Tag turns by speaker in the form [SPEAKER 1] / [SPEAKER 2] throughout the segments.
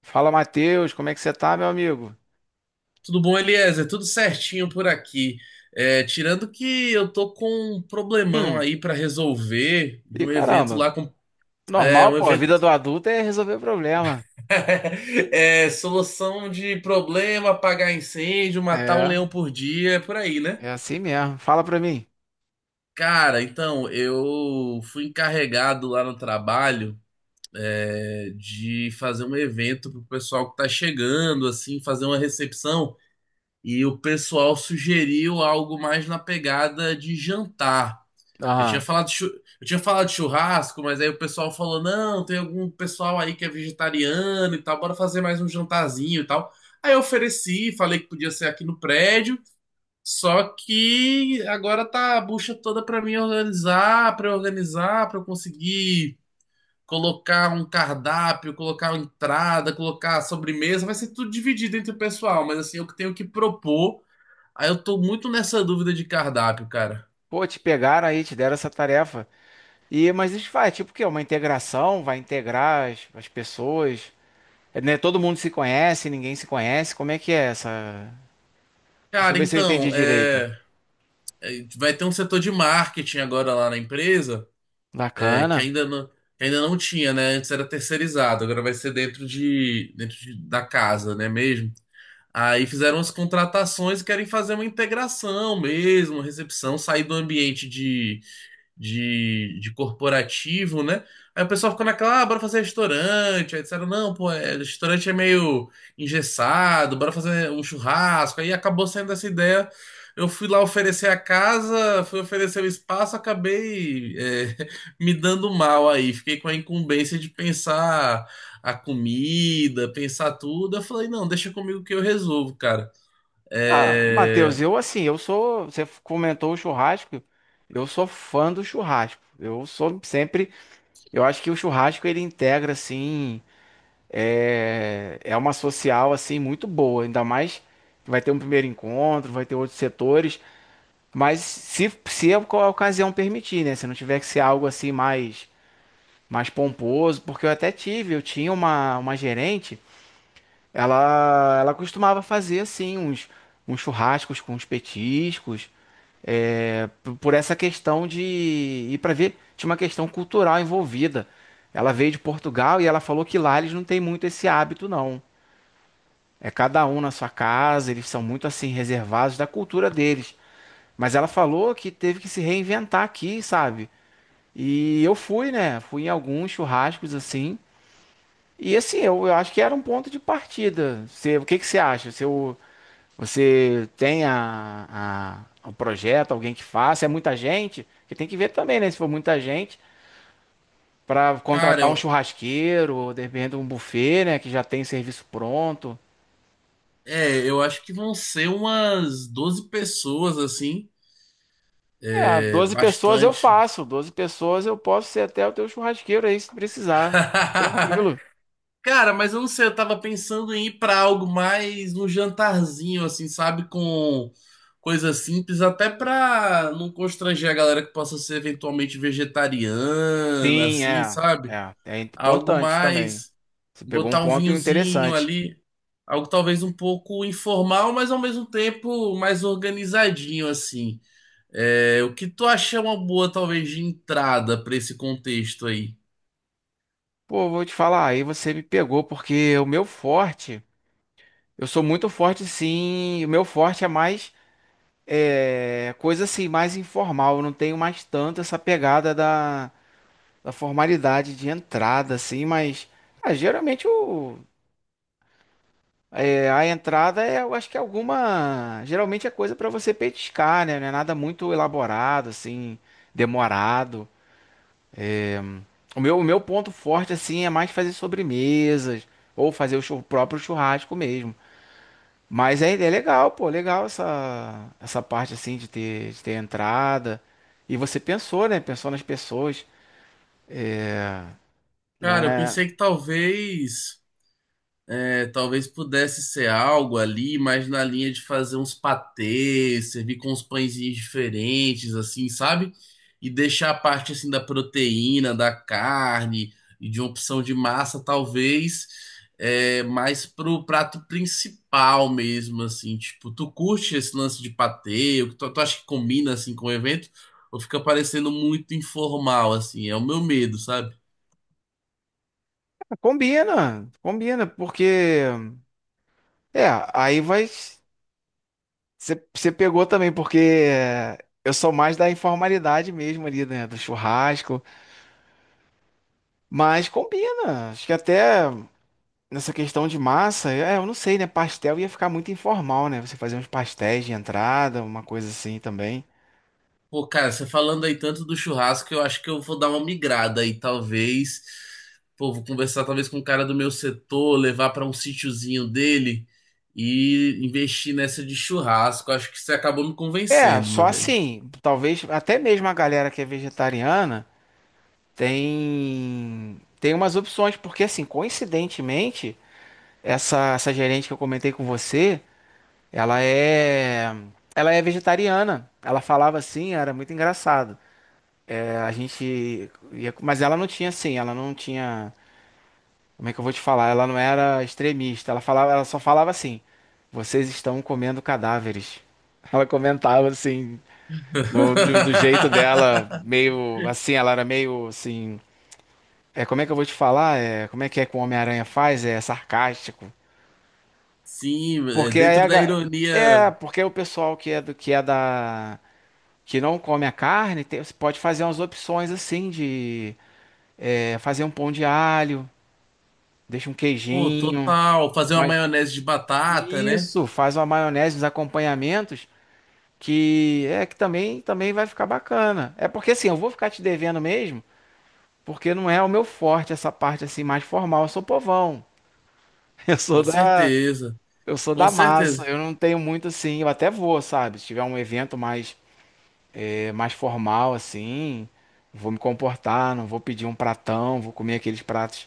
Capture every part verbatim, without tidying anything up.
[SPEAKER 1] Fala, Matheus, como é que você tá, meu amigo?
[SPEAKER 2] Tudo bom, Eliezer? Tudo certinho por aqui. É, tirando que eu tô com um problemão
[SPEAKER 1] Hum,
[SPEAKER 2] aí pra resolver de
[SPEAKER 1] e
[SPEAKER 2] um evento
[SPEAKER 1] caramba,
[SPEAKER 2] lá com. É,
[SPEAKER 1] normal,
[SPEAKER 2] um
[SPEAKER 1] pô, a
[SPEAKER 2] evento.
[SPEAKER 1] vida do adulto é resolver problema.
[SPEAKER 2] É, solução de problema, apagar incêndio, matar um
[SPEAKER 1] É,
[SPEAKER 2] leão por dia, é por aí, né?
[SPEAKER 1] é assim mesmo. Fala pra mim.
[SPEAKER 2] Cara, então, eu fui encarregado lá no trabalho é, de fazer um evento pro pessoal que tá chegando, assim, fazer uma recepção. E o pessoal sugeriu algo mais na pegada de jantar. Eu tinha
[SPEAKER 1] Aham.
[SPEAKER 2] falado de chu- eu tinha falado de churrasco, mas aí o pessoal falou: não, tem algum pessoal aí que é vegetariano e tal, bora fazer mais um jantarzinho e tal. Aí eu ofereci, falei que podia ser aqui no prédio, só que agora tá a bucha toda pra mim organizar, pra eu organizar, pra eu conseguir colocar um cardápio, colocar uma entrada, colocar a sobremesa, vai ser tudo dividido entre o pessoal, mas assim, eu que tenho que propor. Aí eu tô muito nessa dúvida de cardápio, cara.
[SPEAKER 1] Pô, te pegaram aí, te deram essa tarefa. E, mas isso vai, tipo o quê? Uma integração, vai integrar as, as pessoas. É, né, todo mundo se conhece, ninguém se conhece. Como é que é essa? Deixa eu
[SPEAKER 2] Cara,
[SPEAKER 1] ver se eu entendi
[SPEAKER 2] então,
[SPEAKER 1] direito.
[SPEAKER 2] é. Eh, vai ter um setor de marketing agora lá na empresa, eh, que
[SPEAKER 1] Bacana.
[SPEAKER 2] ainda não, que ainda não tinha, né? Antes era terceirizado, agora vai ser dentro de, dentro de- da casa, né mesmo? Aí fizeram as contratações e querem fazer uma integração mesmo, recepção, sair do ambiente de, de corporativo, né? Aí o pessoal ficou naquela, ah, bora fazer restaurante. Aí disseram, não, pô, é, restaurante é meio engessado, bora fazer um churrasco. Aí acabou saindo essa ideia. Eu fui lá oferecer a casa, fui oferecer o espaço, acabei é, me dando mal aí. Fiquei com a incumbência de pensar a comida, pensar tudo. Eu falei, não, deixa comigo que eu resolvo, cara.
[SPEAKER 1] Ah, Matheus,
[SPEAKER 2] É,
[SPEAKER 1] eu assim, eu sou. Você comentou o churrasco. Eu sou fã do churrasco. Eu sou sempre. Eu acho que o churrasco ele integra assim, é, é uma social assim muito boa, ainda mais que vai ter um primeiro encontro, vai ter outros setores, mas se, se a oca- a ocasião permitir, né? Se não tiver que ser algo assim mais mais pomposo, porque eu até tive, eu tinha uma, uma gerente, ela ela costumava fazer assim uns uns churrascos com uns petiscos, é, p- por essa questão de ir para ver, tinha uma questão cultural envolvida. Ela veio de Portugal e ela falou que lá eles não têm muito esse hábito, não. É cada um na sua casa, eles são muito assim reservados da cultura deles. Mas ela falou que teve que se reinventar aqui, sabe? E eu fui, né? Fui em alguns churrascos assim. E assim, eu, eu acho que era um ponto de partida. Você, o que que você acha? Você, você tem a, a- o projeto, alguém que faça, é muita gente, que tem que ver também, né? Se for muita gente, para
[SPEAKER 2] Cara,
[SPEAKER 1] contratar um
[SPEAKER 2] eu,
[SPEAKER 1] churrasqueiro, ou de repente um buffet, né? Que já tem serviço pronto.
[SPEAKER 2] é, eu acho que vão ser umas doze pessoas, assim.
[SPEAKER 1] É,
[SPEAKER 2] É,
[SPEAKER 1] doze pessoas eu
[SPEAKER 2] bastante.
[SPEAKER 1] faço, doze pessoas eu posso ser até o teu churrasqueiro aí, se precisar. Tranquilo.
[SPEAKER 2] Cara, mas eu não sei, eu tava pensando em ir pra algo mais um jantarzinho, assim, sabe? Com coisa simples, até pra não constranger a galera que possa ser eventualmente vegetariana,
[SPEAKER 1] Sim,
[SPEAKER 2] assim,
[SPEAKER 1] é,
[SPEAKER 2] sabe?
[SPEAKER 1] é, é
[SPEAKER 2] Algo
[SPEAKER 1] importante também.
[SPEAKER 2] mais,
[SPEAKER 1] Você pegou um
[SPEAKER 2] botar um
[SPEAKER 1] ponto
[SPEAKER 2] vinhozinho
[SPEAKER 1] interessante.
[SPEAKER 2] ali, algo talvez um pouco informal, mas ao mesmo tempo mais organizadinho, assim. É, o que tu acha é uma boa, talvez, de entrada pra esse contexto aí?
[SPEAKER 1] Pô, vou te falar, aí você me pegou, porque o meu forte, eu sou muito forte sim, o meu forte é mais. É coisa assim, mais informal. Eu não tenho mais tanto essa pegada da, da formalidade de entrada, assim, mas ah, geralmente o, é, a entrada é, eu acho que é alguma. Geralmente é coisa pra você petiscar, né? Não é nada muito elaborado, assim, demorado. O meu, o meu ponto forte, assim, é mais fazer sobremesas ou fazer o chu- próprio churrasco mesmo. Mas é, é legal, pô, legal essa, essa parte assim de ter, de ter entrada. E você pensou, né? Pensou nas pessoas. É, não
[SPEAKER 2] Cara, eu
[SPEAKER 1] é.
[SPEAKER 2] pensei que talvez. É, talvez pudesse ser algo ali, mas na linha de fazer uns patês, servir com uns pãezinhos diferentes, assim, sabe? E deixar a parte assim da proteína, da carne e de uma opção de massa, talvez, é, mais pro prato principal mesmo, assim. Tipo, tu curte esse lance de patê? Tu, tu acha que combina assim com o evento? Ou fica parecendo muito informal, assim? É o meu medo, sabe?
[SPEAKER 1] Combina, combina, porque. É, aí vai. Você você pegou também, porque é, eu sou mais da informalidade mesmo ali, né? Do churrasco. Mas combina. Acho que até nessa questão de massa, é, eu não sei, né? Pastel ia ficar muito informal, né? Você fazer uns pastéis de entrada, uma coisa assim também.
[SPEAKER 2] Pô, cara, você falando aí tanto do churrasco, eu acho que eu vou dar uma migrada aí, talvez. Pô, vou conversar talvez com um cara do meu setor, levar pra um sítiozinho dele e investir nessa de churrasco. Acho que você acabou me
[SPEAKER 1] É,
[SPEAKER 2] convencendo,
[SPEAKER 1] só
[SPEAKER 2] meu velho.
[SPEAKER 1] assim, talvez até mesmo a galera que é vegetariana tem tem umas opções, porque assim, coincidentemente, essa essa gerente que eu comentei com você, ela é ela é vegetariana. Ela falava assim, era muito engraçado. É, a gente ia- mas ela não tinha assim, ela não tinha, como é que eu vou te falar? Ela não era extremista. Ela falava, ela só falava assim: "Vocês estão comendo cadáveres". Ela comentava assim, Do, do, do jeito dela, meio assim, ela era meio assim. É, como é que eu vou te falar? É, como é que é que o Homem-Aranha faz? É sarcástico.
[SPEAKER 2] Sim, é
[SPEAKER 1] Porque aí
[SPEAKER 2] dentro
[SPEAKER 1] a,
[SPEAKER 2] da
[SPEAKER 1] ga- é,
[SPEAKER 2] ironia,
[SPEAKER 1] porque o pessoal que é do que é da que não come a carne, tem- você pode fazer umas opções assim de é, fazer um pão de alho, deixa um
[SPEAKER 2] pô,
[SPEAKER 1] queijinho,
[SPEAKER 2] total, fazer uma
[SPEAKER 1] mas
[SPEAKER 2] maionese de batata, né?
[SPEAKER 1] isso, faz uma maionese, uns acompanhamentos que é que também também vai ficar bacana. É porque assim, eu vou ficar te devendo mesmo. Porque não é o meu forte essa parte assim mais formal. Eu sou povão. Eu sou
[SPEAKER 2] Com
[SPEAKER 1] da,
[SPEAKER 2] certeza,
[SPEAKER 1] eu sou
[SPEAKER 2] com
[SPEAKER 1] da massa.
[SPEAKER 2] certeza.
[SPEAKER 1] Eu não tenho muito assim. Eu até vou, sabe? Se tiver um evento mais, eh, mais formal assim, vou me comportar. Não vou pedir um pratão. Vou comer aqueles pratos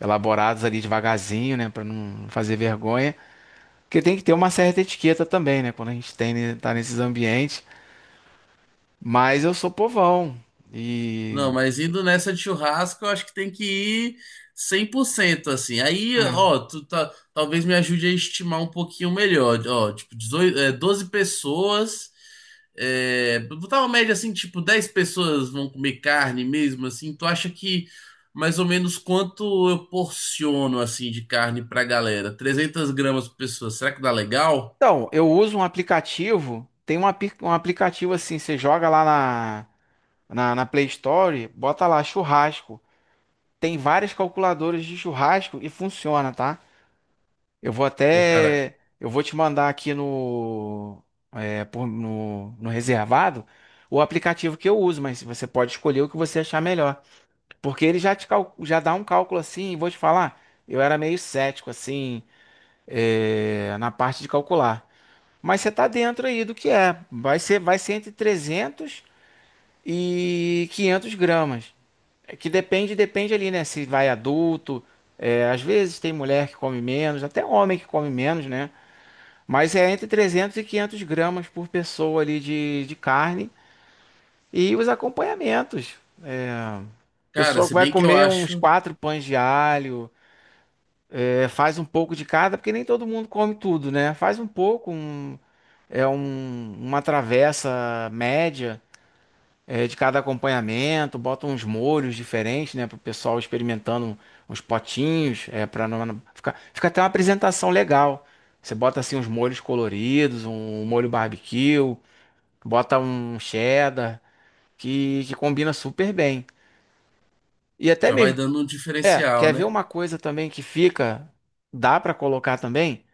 [SPEAKER 1] elaborados ali devagarzinho, né? Pra não fazer vergonha. Porque tem que ter uma certa etiqueta também, né? Quando a gente tem, né, tá nesses ambientes. Mas eu sou povão. E.
[SPEAKER 2] Não, mas indo nessa de churrasco, eu acho que tem que ir cem por cento assim. Aí,
[SPEAKER 1] É.
[SPEAKER 2] ó, tu tá, talvez me ajude a estimar um pouquinho melhor. Ó, tipo, dezoito, é, doze pessoas. É, botar uma média assim, tipo, dez pessoas vão comer carne mesmo, assim. Tu acha que mais ou menos quanto eu porciono, assim, de carne pra galera? Trezentas gramas por pessoa, será que dá legal?
[SPEAKER 1] Então, eu uso um aplicativo, tem um, api- um aplicativo assim, você joga lá na, na, na Play Store, bota lá churrasco. Tem várias calculadoras de churrasco e funciona, tá? Eu vou
[SPEAKER 2] Pô, cara,
[SPEAKER 1] até, eu vou te mandar aqui no, é, por- no, no, reservado o aplicativo que eu uso, mas você pode escolher o que você achar melhor. Porque ele já te cal- já dá um cálculo assim, e vou te falar, eu era meio cético assim, é, na parte de calcular. Mas você está dentro aí do que é. Vai ser, vai ser entre trezentos e quinhentos gramas. É que depende, depende ali, né? Se vai adulto. É, às vezes tem mulher que come menos, até homem que come menos, né? Mas é entre trezentos e quinhentos gramas por pessoa ali de, de carne. E os acompanhamentos. É, a
[SPEAKER 2] cara,
[SPEAKER 1] pessoa
[SPEAKER 2] se
[SPEAKER 1] vai
[SPEAKER 2] bem que eu
[SPEAKER 1] comer uns
[SPEAKER 2] acho,
[SPEAKER 1] quatro pães de alho, é, faz um pouco de cada, porque nem todo mundo come tudo, né? Faz um pouco, um, é um- uma travessa média. É, de cada acompanhamento, bota uns molhos diferentes, né, para o pessoal experimentando uns potinhos, é, para não, não- ficar, fica até uma apresentação legal. Você bota assim uns molhos coloridos, um um molho barbecue, bota um cheddar que, que combina super bem. E até
[SPEAKER 2] já vai
[SPEAKER 1] mesmo,
[SPEAKER 2] dando um
[SPEAKER 1] é,
[SPEAKER 2] diferencial,
[SPEAKER 1] quer ver
[SPEAKER 2] né?
[SPEAKER 1] uma coisa também que fica, dá para colocar também?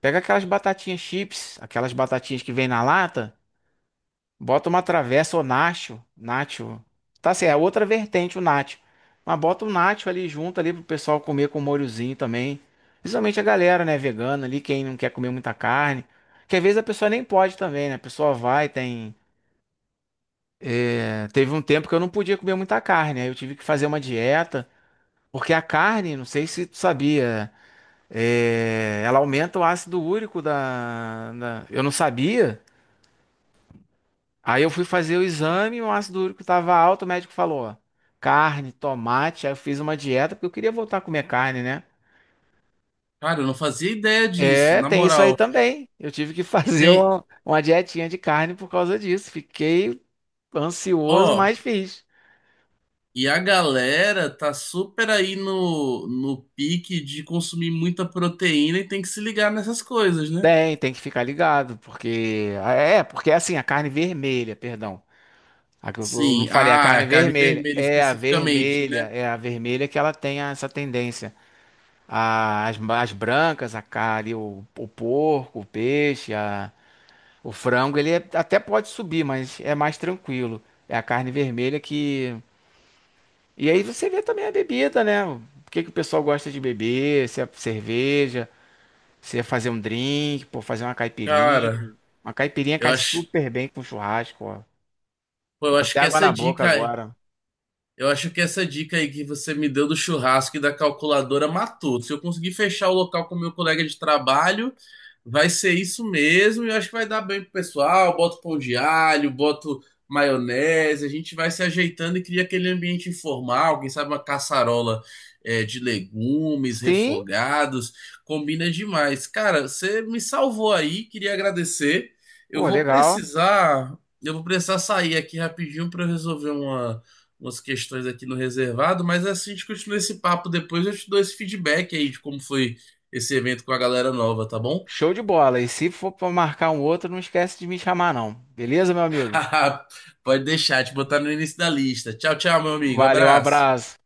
[SPEAKER 1] Pega aquelas batatinhas chips, aquelas batatinhas que vem na lata. Bota uma travessa ou nacho, nacho. Tá certo, é outra vertente o nacho. Mas bota o nacho ali junto ali pro pessoal comer com molhozinho também. Principalmente a galera, né, vegana ali, quem não quer comer muita carne. Que às vezes a pessoa nem pode também, né? A pessoa vai, tem. É, teve um tempo que eu não podia comer muita carne, aí eu tive que fazer uma dieta, porque a carne, não sei se tu sabia, é, ela aumenta o ácido úrico da... da... Eu não sabia. Aí eu fui fazer o exame, o ácido úrico estava alto, o médico falou, ó, carne, tomate, aí eu fiz uma dieta, porque eu queria voltar a comer carne, né?
[SPEAKER 2] Cara, eu não fazia ideia disso,
[SPEAKER 1] É,
[SPEAKER 2] na
[SPEAKER 1] tem isso aí
[SPEAKER 2] moral.
[SPEAKER 1] também. Eu tive que
[SPEAKER 2] E
[SPEAKER 1] fazer
[SPEAKER 2] tem,
[SPEAKER 1] uma, uma dietinha de carne por causa disso. Fiquei ansioso,
[SPEAKER 2] ó,
[SPEAKER 1] mas fiz.
[SPEAKER 2] e a galera tá super aí no, no pique de consumir muita proteína e tem que se ligar nessas coisas, né?
[SPEAKER 1] Tem, tem que ficar ligado, porque. É, é, porque é assim, a carne vermelha, perdão. A que eu eu não
[SPEAKER 2] Sim,
[SPEAKER 1] falei, a
[SPEAKER 2] ah,
[SPEAKER 1] carne
[SPEAKER 2] a carne
[SPEAKER 1] vermelha.
[SPEAKER 2] vermelha
[SPEAKER 1] É a
[SPEAKER 2] especificamente, né?
[SPEAKER 1] vermelha, é a vermelha que ela tem essa tendência. A- as, as brancas, a carne, o, o porco, o peixe, a- o frango, ele é- até pode subir, mas é mais tranquilo. É a carne vermelha que. E aí você vê também a bebida, né? O que que o pessoal gosta de beber? Se é cerveja, se é fazer um drink, pô, fazer uma caipirinha.
[SPEAKER 2] Cara,
[SPEAKER 1] Uma caipirinha
[SPEAKER 2] eu
[SPEAKER 1] cai
[SPEAKER 2] acho,
[SPEAKER 1] super bem com churrasco, ó. Deu
[SPEAKER 2] pô, eu acho
[SPEAKER 1] até
[SPEAKER 2] que
[SPEAKER 1] água
[SPEAKER 2] essa
[SPEAKER 1] na boca
[SPEAKER 2] dica.
[SPEAKER 1] agora.
[SPEAKER 2] Eu acho que essa dica aí que você me deu do churrasco e da calculadora matou. Se eu conseguir fechar o local com o meu colega de trabalho, vai ser isso mesmo. E eu acho que vai dar bem pro pessoal. Boto pão de alho, boto maionese. A gente vai se ajeitando e cria aquele ambiente informal. Quem sabe uma caçarola é, de legumes
[SPEAKER 1] Sim,
[SPEAKER 2] refogados. Combina demais. Cara, você me salvou aí. Queria agradecer. Eu
[SPEAKER 1] pô,
[SPEAKER 2] vou
[SPEAKER 1] legal.
[SPEAKER 2] precisar. Eu vou precisar sair aqui rapidinho para resolver uma umas questões aqui no reservado, mas é assim a gente continua esse papo depois. Eu te dou esse feedback aí de como foi esse evento com a galera nova, tá bom?
[SPEAKER 1] Show de bola. E se for pra marcar um outro, não esquece de me chamar, não. Beleza, meu amigo?
[SPEAKER 2] Pode deixar, te botar no início da lista. Tchau, tchau, meu amigo.
[SPEAKER 1] Valeu, um
[SPEAKER 2] Abraço.
[SPEAKER 1] abraço.